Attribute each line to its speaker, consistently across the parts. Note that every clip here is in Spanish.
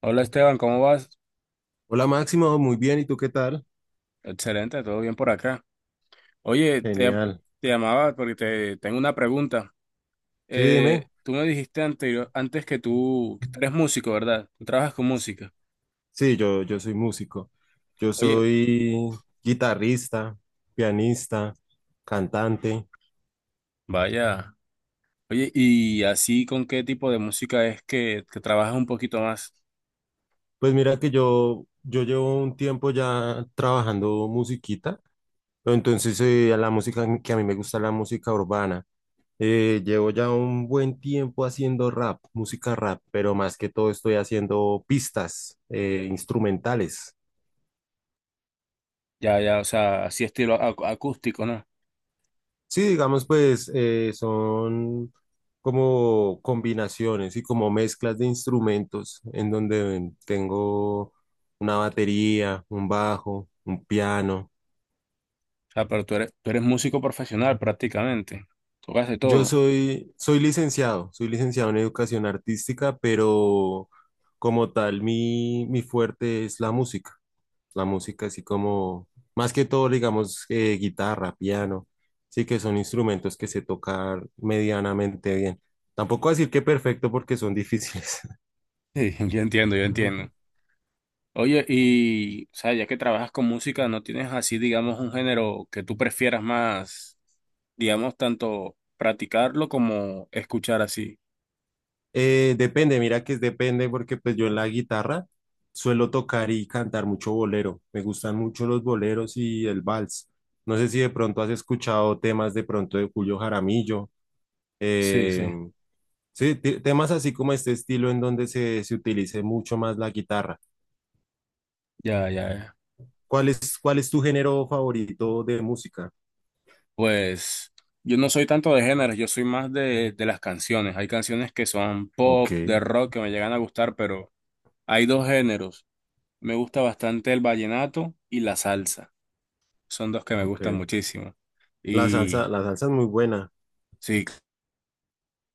Speaker 1: Hola Esteban, ¿cómo vas?
Speaker 2: Hola Máximo, muy bien, ¿y tú qué tal?
Speaker 1: Excelente, todo bien por acá. Oye, te,
Speaker 2: Genial.
Speaker 1: te llamaba porque te tengo una pregunta.
Speaker 2: Sí, dime.
Speaker 1: Tú me dijiste antes que tú eres músico, ¿verdad? Tú trabajas con música.
Speaker 2: Sí, yo soy músico. Yo
Speaker 1: Oye,
Speaker 2: soy guitarrista, pianista, cantante.
Speaker 1: vaya. Oye, ¿y así con qué tipo de música es que trabajas un poquito más?
Speaker 2: Pues mira que yo llevo un tiempo ya trabajando musiquita, pero entonces la música que a mí me gusta es la música urbana. Llevo ya un buen tiempo haciendo rap, música rap, pero más que todo estoy haciendo pistas instrumentales.
Speaker 1: Ya, ya, o sea, así estilo acústico, ¿no? O
Speaker 2: Sí, digamos, pues son como combinaciones y como mezclas de instrumentos en donde tengo una batería, un bajo, un piano.
Speaker 1: sea, pero tú eres músico profesional prácticamente. Tocas de
Speaker 2: Yo
Speaker 1: todo.
Speaker 2: soy licenciado, soy licenciado en educación artística, pero como tal mi fuerte es la música. La música así como, más que todo, digamos, guitarra, piano, sí que son instrumentos que se tocan medianamente bien. Tampoco decir que perfecto porque son difíciles.
Speaker 1: Sí, yo entiendo, yo entiendo. Oye, y, o sea, ya que trabajas con música, ¿no tienes así, digamos, un género que tú prefieras más, digamos, tanto practicarlo como escuchar así?
Speaker 2: Depende, mira que es depende porque pues yo en la guitarra suelo tocar y cantar mucho bolero. Me gustan mucho los boleros y el vals. No sé si de pronto has escuchado temas de pronto de Julio Jaramillo.
Speaker 1: Sí,
Speaker 2: eh,
Speaker 1: sí,
Speaker 2: sí, temas así como este estilo en donde se utilice mucho más la guitarra.
Speaker 1: ya, ya, ya.
Speaker 2: ¿Cuál es tu género favorito de música?
Speaker 1: Pues yo no soy tanto de géneros, yo soy más de las canciones. Hay canciones que son
Speaker 2: Ok,
Speaker 1: pop, de rock, que me llegan a gustar, pero hay dos géneros. Me gusta bastante el vallenato y la salsa. Son dos que me
Speaker 2: ok.
Speaker 1: gustan muchísimo. Y
Speaker 2: La salsa es muy buena.
Speaker 1: sí,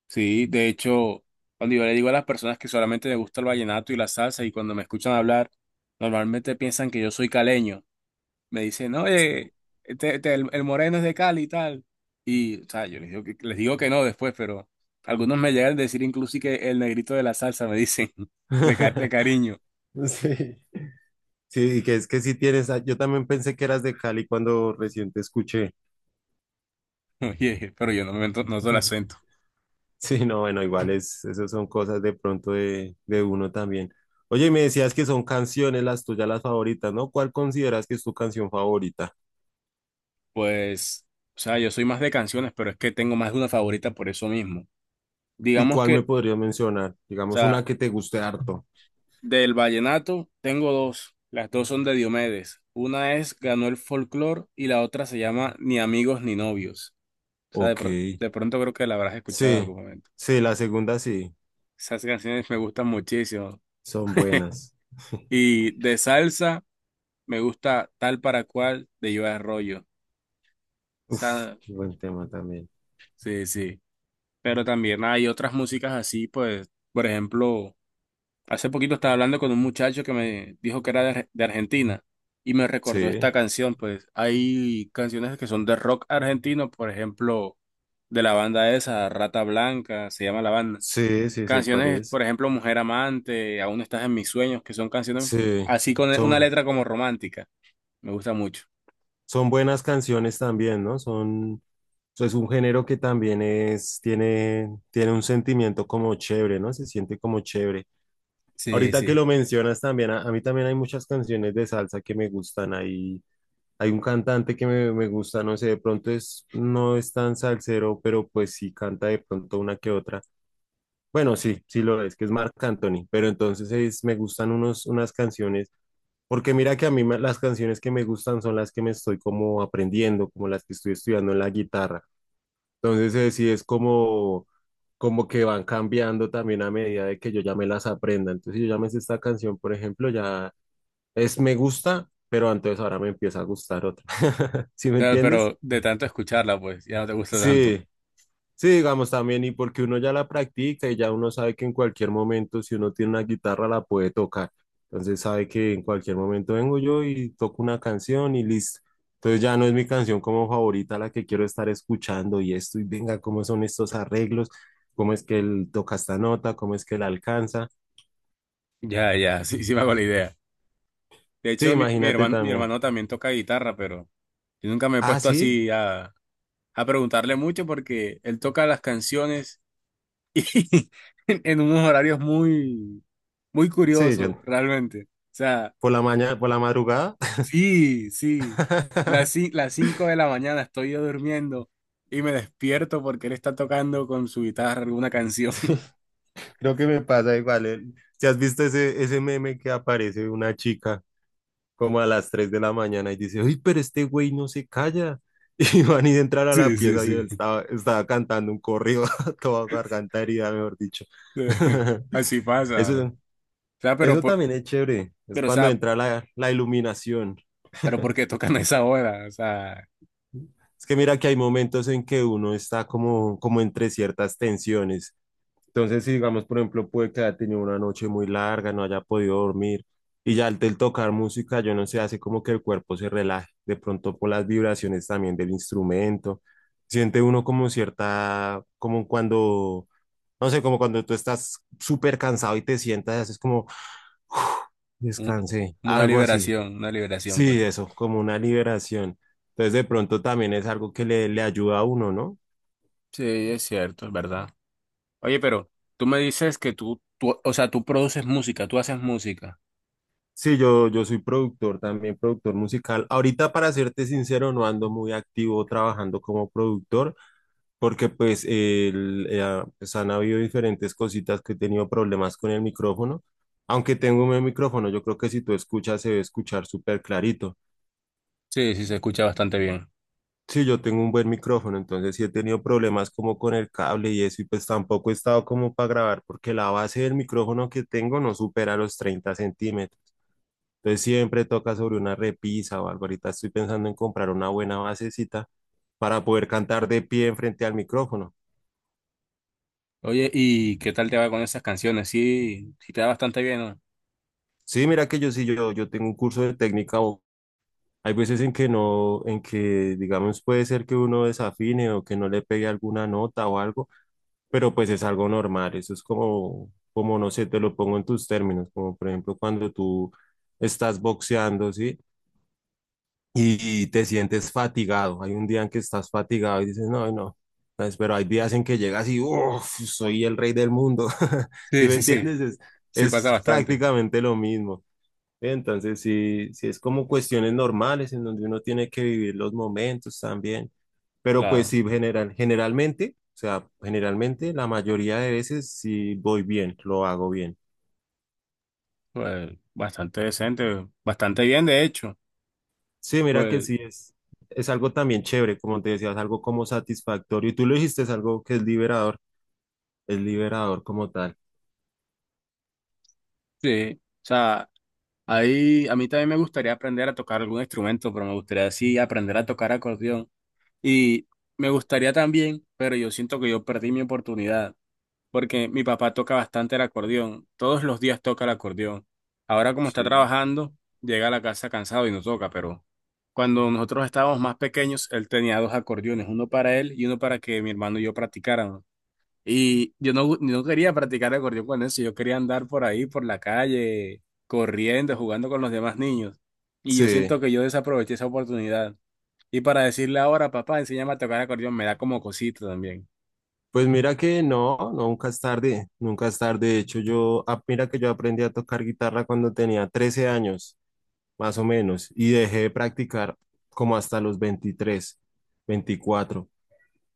Speaker 1: sí, de hecho, cuando yo le digo a las personas que solamente me gusta el vallenato y la salsa y cuando me escuchan hablar, normalmente piensan que yo soy caleño. Me dicen, oye, este, el moreno es de Cali y tal. Y, o sea, yo les digo que no después, pero algunos me llegan a decir incluso que el negrito de la salsa, me dicen, de cariño.
Speaker 2: Sí, sí, y que es que sí tienes, ah, yo también pensé que eras de Cali cuando recién te escuché.
Speaker 1: Oye, pero yo no me no noto el acento.
Speaker 2: Sí, no, bueno, igual esas son cosas de pronto de uno también. Oye, y me decías que son canciones las tuyas, las favoritas, ¿no? ¿Cuál consideras que es tu canción favorita?
Speaker 1: Pues, o sea, yo soy más de canciones, pero es que tengo más de una favorita por eso mismo.
Speaker 2: ¿Y
Speaker 1: Digamos
Speaker 2: cuál me
Speaker 1: que.
Speaker 2: podrías mencionar?
Speaker 1: O
Speaker 2: Digamos,
Speaker 1: sea,
Speaker 2: una que te guste harto.
Speaker 1: del vallenato tengo dos, las dos son de Diomedes. Una es Ganó el folclor y la otra se llama Ni amigos ni novios. O sea, de,
Speaker 2: Ok,
Speaker 1: pro- de pronto creo que la habrás escuchado en
Speaker 2: sí,
Speaker 1: algún momento.
Speaker 2: sí, la segunda sí.
Speaker 1: Esas canciones me gustan muchísimo.
Speaker 2: Son buenas.
Speaker 1: Y de salsa me gusta Tal para cual de Yo Arroyo. O
Speaker 2: Uf,
Speaker 1: sea,
Speaker 2: buen tema también.
Speaker 1: sí, sí. Pero también hay otras músicas así, pues, por ejemplo. Hace poquito estaba hablando con un muchacho que me dijo que era de Argentina y me recordó
Speaker 2: Sí,
Speaker 1: esta canción. Pues hay canciones que son de rock argentino, por ejemplo, de la banda esa, Rata Blanca, se llama la banda.
Speaker 2: sí, sí, sé cuál
Speaker 1: Canciones,
Speaker 2: es.
Speaker 1: por ejemplo, Mujer Amante, Aún estás en mis sueños, que son canciones
Speaker 2: Sí,
Speaker 1: así con una
Speaker 2: son,
Speaker 1: letra como romántica. Me gusta mucho.
Speaker 2: son buenas canciones también, ¿no? Es un género que también tiene un sentimiento como chévere, ¿no? Se siente como chévere.
Speaker 1: Sí,
Speaker 2: Ahorita que
Speaker 1: sí.
Speaker 2: lo mencionas también, a mí también hay muchas canciones de salsa que me gustan. Hay un cantante que me gusta, no sé, de pronto no es tan salsero, pero pues sí canta de pronto una que otra. Bueno, sí, sí lo es, que es Marc Anthony, pero entonces me gustan unas canciones, porque mira que a mí las canciones que me gustan son las que me estoy como aprendiendo, como las que estoy estudiando en la guitarra. Entonces sí es como que van cambiando también a medida de que yo ya me las aprenda. Entonces si yo ya me sé esta canción, por ejemplo, ya es me gusta, pero entonces ahora me empieza a gustar otra. ¿Sí me
Speaker 1: Claro,
Speaker 2: entiendes?
Speaker 1: pero de tanto escucharla, pues ya no te gusta tanto.
Speaker 2: Sí. Sí, digamos también, y porque uno ya la practica y ya uno sabe que en cualquier momento, si uno tiene una guitarra, la puede tocar. Entonces sabe que en cualquier momento vengo yo y toco una canción y listo. Entonces ya no es mi canción como favorita la que quiero estar escuchando y esto, y venga, cómo son estos arreglos, cómo es que él toca esta nota, cómo es que la alcanza.
Speaker 1: Ya, ya, sí, sí me hago la idea. De
Speaker 2: Sí,
Speaker 1: hecho, mi, mi
Speaker 2: imagínate
Speaker 1: hermano, mi
Speaker 2: también.
Speaker 1: hermano también toca guitarra, pero yo nunca me he
Speaker 2: Ah,
Speaker 1: puesto
Speaker 2: sí,
Speaker 1: así a preguntarle mucho porque él toca las canciones y en unos horarios muy, muy
Speaker 2: sí, yo
Speaker 1: curiosos, realmente. O sea,
Speaker 2: por la mañana, por la madrugada.
Speaker 1: sí, sí, las, ci- las 5 de la mañana estoy yo durmiendo y me despierto porque él está tocando con su guitarra alguna canción.
Speaker 2: Creo que me pasa igual. Si has visto ese meme que aparece una chica como a las 3 de la mañana y dice, uy, pero este güey no se calla. Y van y entrar a la
Speaker 1: Sí, sí,
Speaker 2: pieza y él
Speaker 1: sí.
Speaker 2: estaba cantando un corrido toda garganta herida, mejor dicho.
Speaker 1: Sí, así pasa, ¿no? O
Speaker 2: Eso,
Speaker 1: sea,
Speaker 2: eso también es chévere. Es
Speaker 1: pero, o
Speaker 2: cuando
Speaker 1: sea,
Speaker 2: entra la iluminación.
Speaker 1: pero ¿por qué tocan a esa hora? O sea,
Speaker 2: Es que mira que hay momentos en que uno está como entre ciertas tensiones. Entonces, si digamos, por ejemplo, puede que haya tenido una noche muy larga, no haya podido dormir, y ya al del tocar música, yo no sé, hace como que el cuerpo se relaje, de pronto por las vibraciones también del instrumento, siente uno como cierta, como cuando, no sé, como cuando tú estás súper cansado y te sientas, y haces como,
Speaker 1: un-
Speaker 2: descansé, algo así.
Speaker 1: una liberación, pues.
Speaker 2: Sí, eso, como una liberación. Entonces, de pronto también es algo que le ayuda a uno, ¿no?
Speaker 1: Sí, es cierto, es verdad. Oye, pero tú me dices que o sea, tú produces música, tú haces música.
Speaker 2: Sí, yo soy productor también, productor musical. Ahorita, para serte sincero, no ando muy activo trabajando como productor, porque pues, ah, pues han habido diferentes cositas que he tenido problemas con el micrófono. Aunque tengo un buen micrófono, yo creo que si tú escuchas se debe escuchar súper clarito.
Speaker 1: Sí, sí, se escucha bastante bien.
Speaker 2: Sí, yo tengo un buen micrófono, entonces sí he tenido problemas como con el cable y eso, y pues tampoco he estado como para grabar, porque la base del micrófono que tengo no supera los 30 centímetros. Entonces siempre toca sobre una repisa o algo. Ahorita estoy pensando en comprar una buena basecita para poder cantar de pie frente al micrófono.
Speaker 1: Oye, ¿y qué tal te va con esas canciones? Sí, sí te va bastante bien, ¿no?
Speaker 2: Sí, mira que yo sí, yo tengo un curso de técnica vocal. Hay veces en que no, en que digamos puede ser que uno desafine o que no le pegue alguna nota o algo, pero pues es algo normal. Eso es como no sé, te lo pongo en tus términos, como por ejemplo cuando tú estás boxeando, ¿sí? Y te sientes fatigado. Hay un día en que estás fatigado y dices, no, no. Pues, pero hay días en que llegas y, uff, soy el rey del mundo. ¿Sí
Speaker 1: Sí,
Speaker 2: me
Speaker 1: sí, sí,
Speaker 2: entiendes? Es,
Speaker 1: sí pasa
Speaker 2: es
Speaker 1: bastante.
Speaker 2: prácticamente lo mismo. Entonces, sí, sí es como cuestiones normales en donde uno tiene que vivir los momentos también. Pero pues
Speaker 1: Claro,
Speaker 2: sí, generalmente, o sea, generalmente la mayoría de veces sí voy bien, lo hago bien.
Speaker 1: pues bastante decente, bastante bien, de hecho.
Speaker 2: Sí, mira que
Speaker 1: Pues
Speaker 2: sí es algo también chévere, como te decía, es algo como satisfactorio. Y tú lo dijiste, es algo que es liberador como tal.
Speaker 1: sí, o sea, ahí a mí también me gustaría aprender a tocar algún instrumento, pero me gustaría sí aprender a tocar acordeón. Y me gustaría también, pero yo siento que yo perdí mi oportunidad, porque mi papá toca bastante el acordeón, todos los días toca el acordeón. Ahora como está
Speaker 2: Sí.
Speaker 1: trabajando, llega a la casa cansado y no toca, pero cuando nosotros estábamos más pequeños, él tenía dos acordeones, uno para él y uno para que mi hermano y yo practicáramos. Y yo no quería practicar el acordeón con eso, yo quería andar por ahí, por la calle, corriendo, jugando con los demás niños. Y yo
Speaker 2: Sí.
Speaker 1: siento que yo desaproveché esa oportunidad. Y para decirle ahora, papá, enséñame a tocar acordeón, me da como cosita también.
Speaker 2: Pues mira que no, nunca es tarde, nunca es tarde. De hecho, ah, mira que yo aprendí a tocar guitarra cuando tenía 13 años, más o menos, y dejé de practicar como hasta los 23 24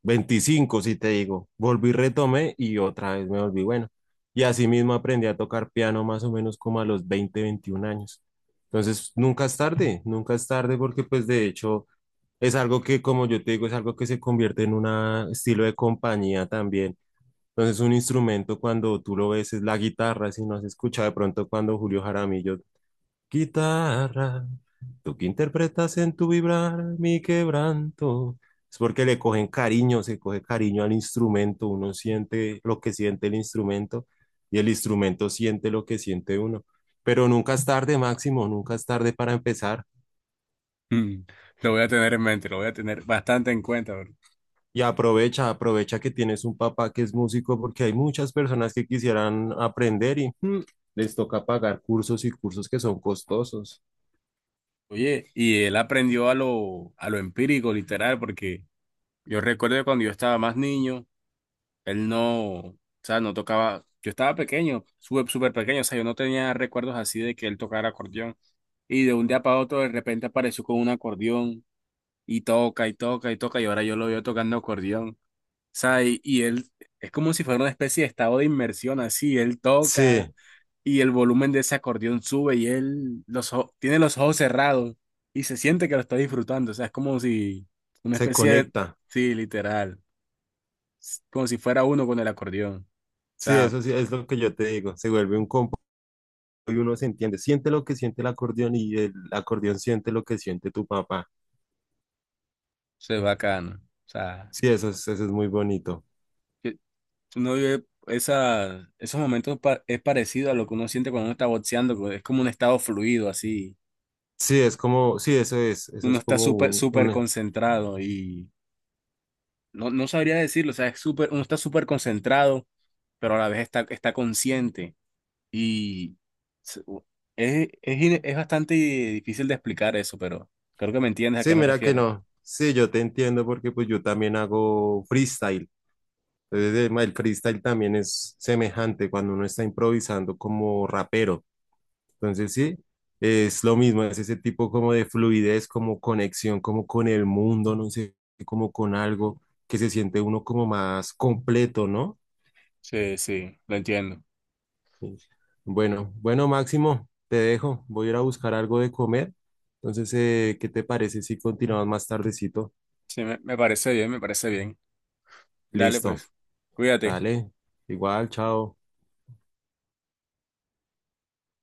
Speaker 2: 25 si te digo. Volví, retomé y otra vez me volví bueno. Y así mismo aprendí a tocar piano más o menos como a los 20 21 años. Entonces, nunca es tarde, nunca es tarde porque pues de hecho es algo que, como yo te digo, es algo que se convierte en un estilo de compañía también. Entonces, un instrumento cuando tú lo ves es la guitarra, si no has escuchado de pronto cuando Julio Jaramillo Guitarra, tú que interpretas en tu vibrar mi quebranto. Es porque le cogen cariño, se coge cariño al instrumento, uno siente lo que siente el instrumento y el instrumento siente lo que siente uno. Pero nunca es tarde, Máximo, nunca es tarde para empezar.
Speaker 1: Mm, Lo voy a tener en mente, lo voy a tener bastante en cuenta, bro.
Speaker 2: Y aprovecha, aprovecha que tienes un papá que es músico porque hay muchas personas que quisieran aprender y les toca pagar cursos y cursos que son costosos.
Speaker 1: Oye, y él aprendió a lo empírico, literal, porque yo recuerdo que cuando yo estaba más niño, él no, o sea, no tocaba, yo estaba pequeño, súper, súper pequeño, o sea, yo no tenía recuerdos así de que él tocara acordeón. Y de un día para otro, de repente apareció con un acordeón y toca y toca y toca, y ahora yo lo veo tocando acordeón. O sea, y él es como si fuera una especie de estado de inmersión, así, él toca.
Speaker 2: Sí,
Speaker 1: Y el volumen de ese acordeón sube y él tiene los ojos cerrados y se siente que lo está disfrutando. O sea, es como si una
Speaker 2: se
Speaker 1: especie de.
Speaker 2: conecta.
Speaker 1: Sí, literal. Como si fuera uno con el acordeón. O
Speaker 2: Sí,
Speaker 1: sea,
Speaker 2: eso sí, es lo que yo te digo. Se vuelve un combo y uno se entiende. Siente lo que siente el acordeón y el acordeón siente lo que siente tu papá.
Speaker 1: eso es bacano. O sea,
Speaker 2: Sí, eso es muy bonito.
Speaker 1: que uno vive esos momentos, es parecido a lo que uno siente cuando uno está boxeando, que es como un estado fluido, así.
Speaker 2: Sí, es como, sí, eso
Speaker 1: Uno
Speaker 2: es
Speaker 1: está
Speaker 2: como
Speaker 1: súper,
Speaker 2: un,
Speaker 1: súper
Speaker 2: un...
Speaker 1: concentrado y. No, no sabría decirlo, o sea, es súper, uno está súper concentrado, pero a la vez está consciente. Y se- u- es bastante difícil de explicar eso, pero creo que me entiendes a qué
Speaker 2: Sí,
Speaker 1: me
Speaker 2: mira que
Speaker 1: refiero.
Speaker 2: no. Sí, yo te entiendo porque pues yo también hago freestyle. Entonces, el freestyle también es semejante cuando uno está improvisando como rapero. Entonces sí, es lo mismo, es ese tipo como de fluidez, como conexión, como con el mundo, no sé, como con algo que se siente uno como más completo, ¿no?
Speaker 1: Sí, sí, lo entiendo.
Speaker 2: Bueno, bueno, Máximo, te dejo, voy a ir a buscar algo de comer. Entonces, ¿qué te parece si continuamos más tardecito?
Speaker 1: Sí, me parece bien, me parece bien. Dale,
Speaker 2: Listo,
Speaker 1: pues, cuídate.
Speaker 2: dale, igual, chao.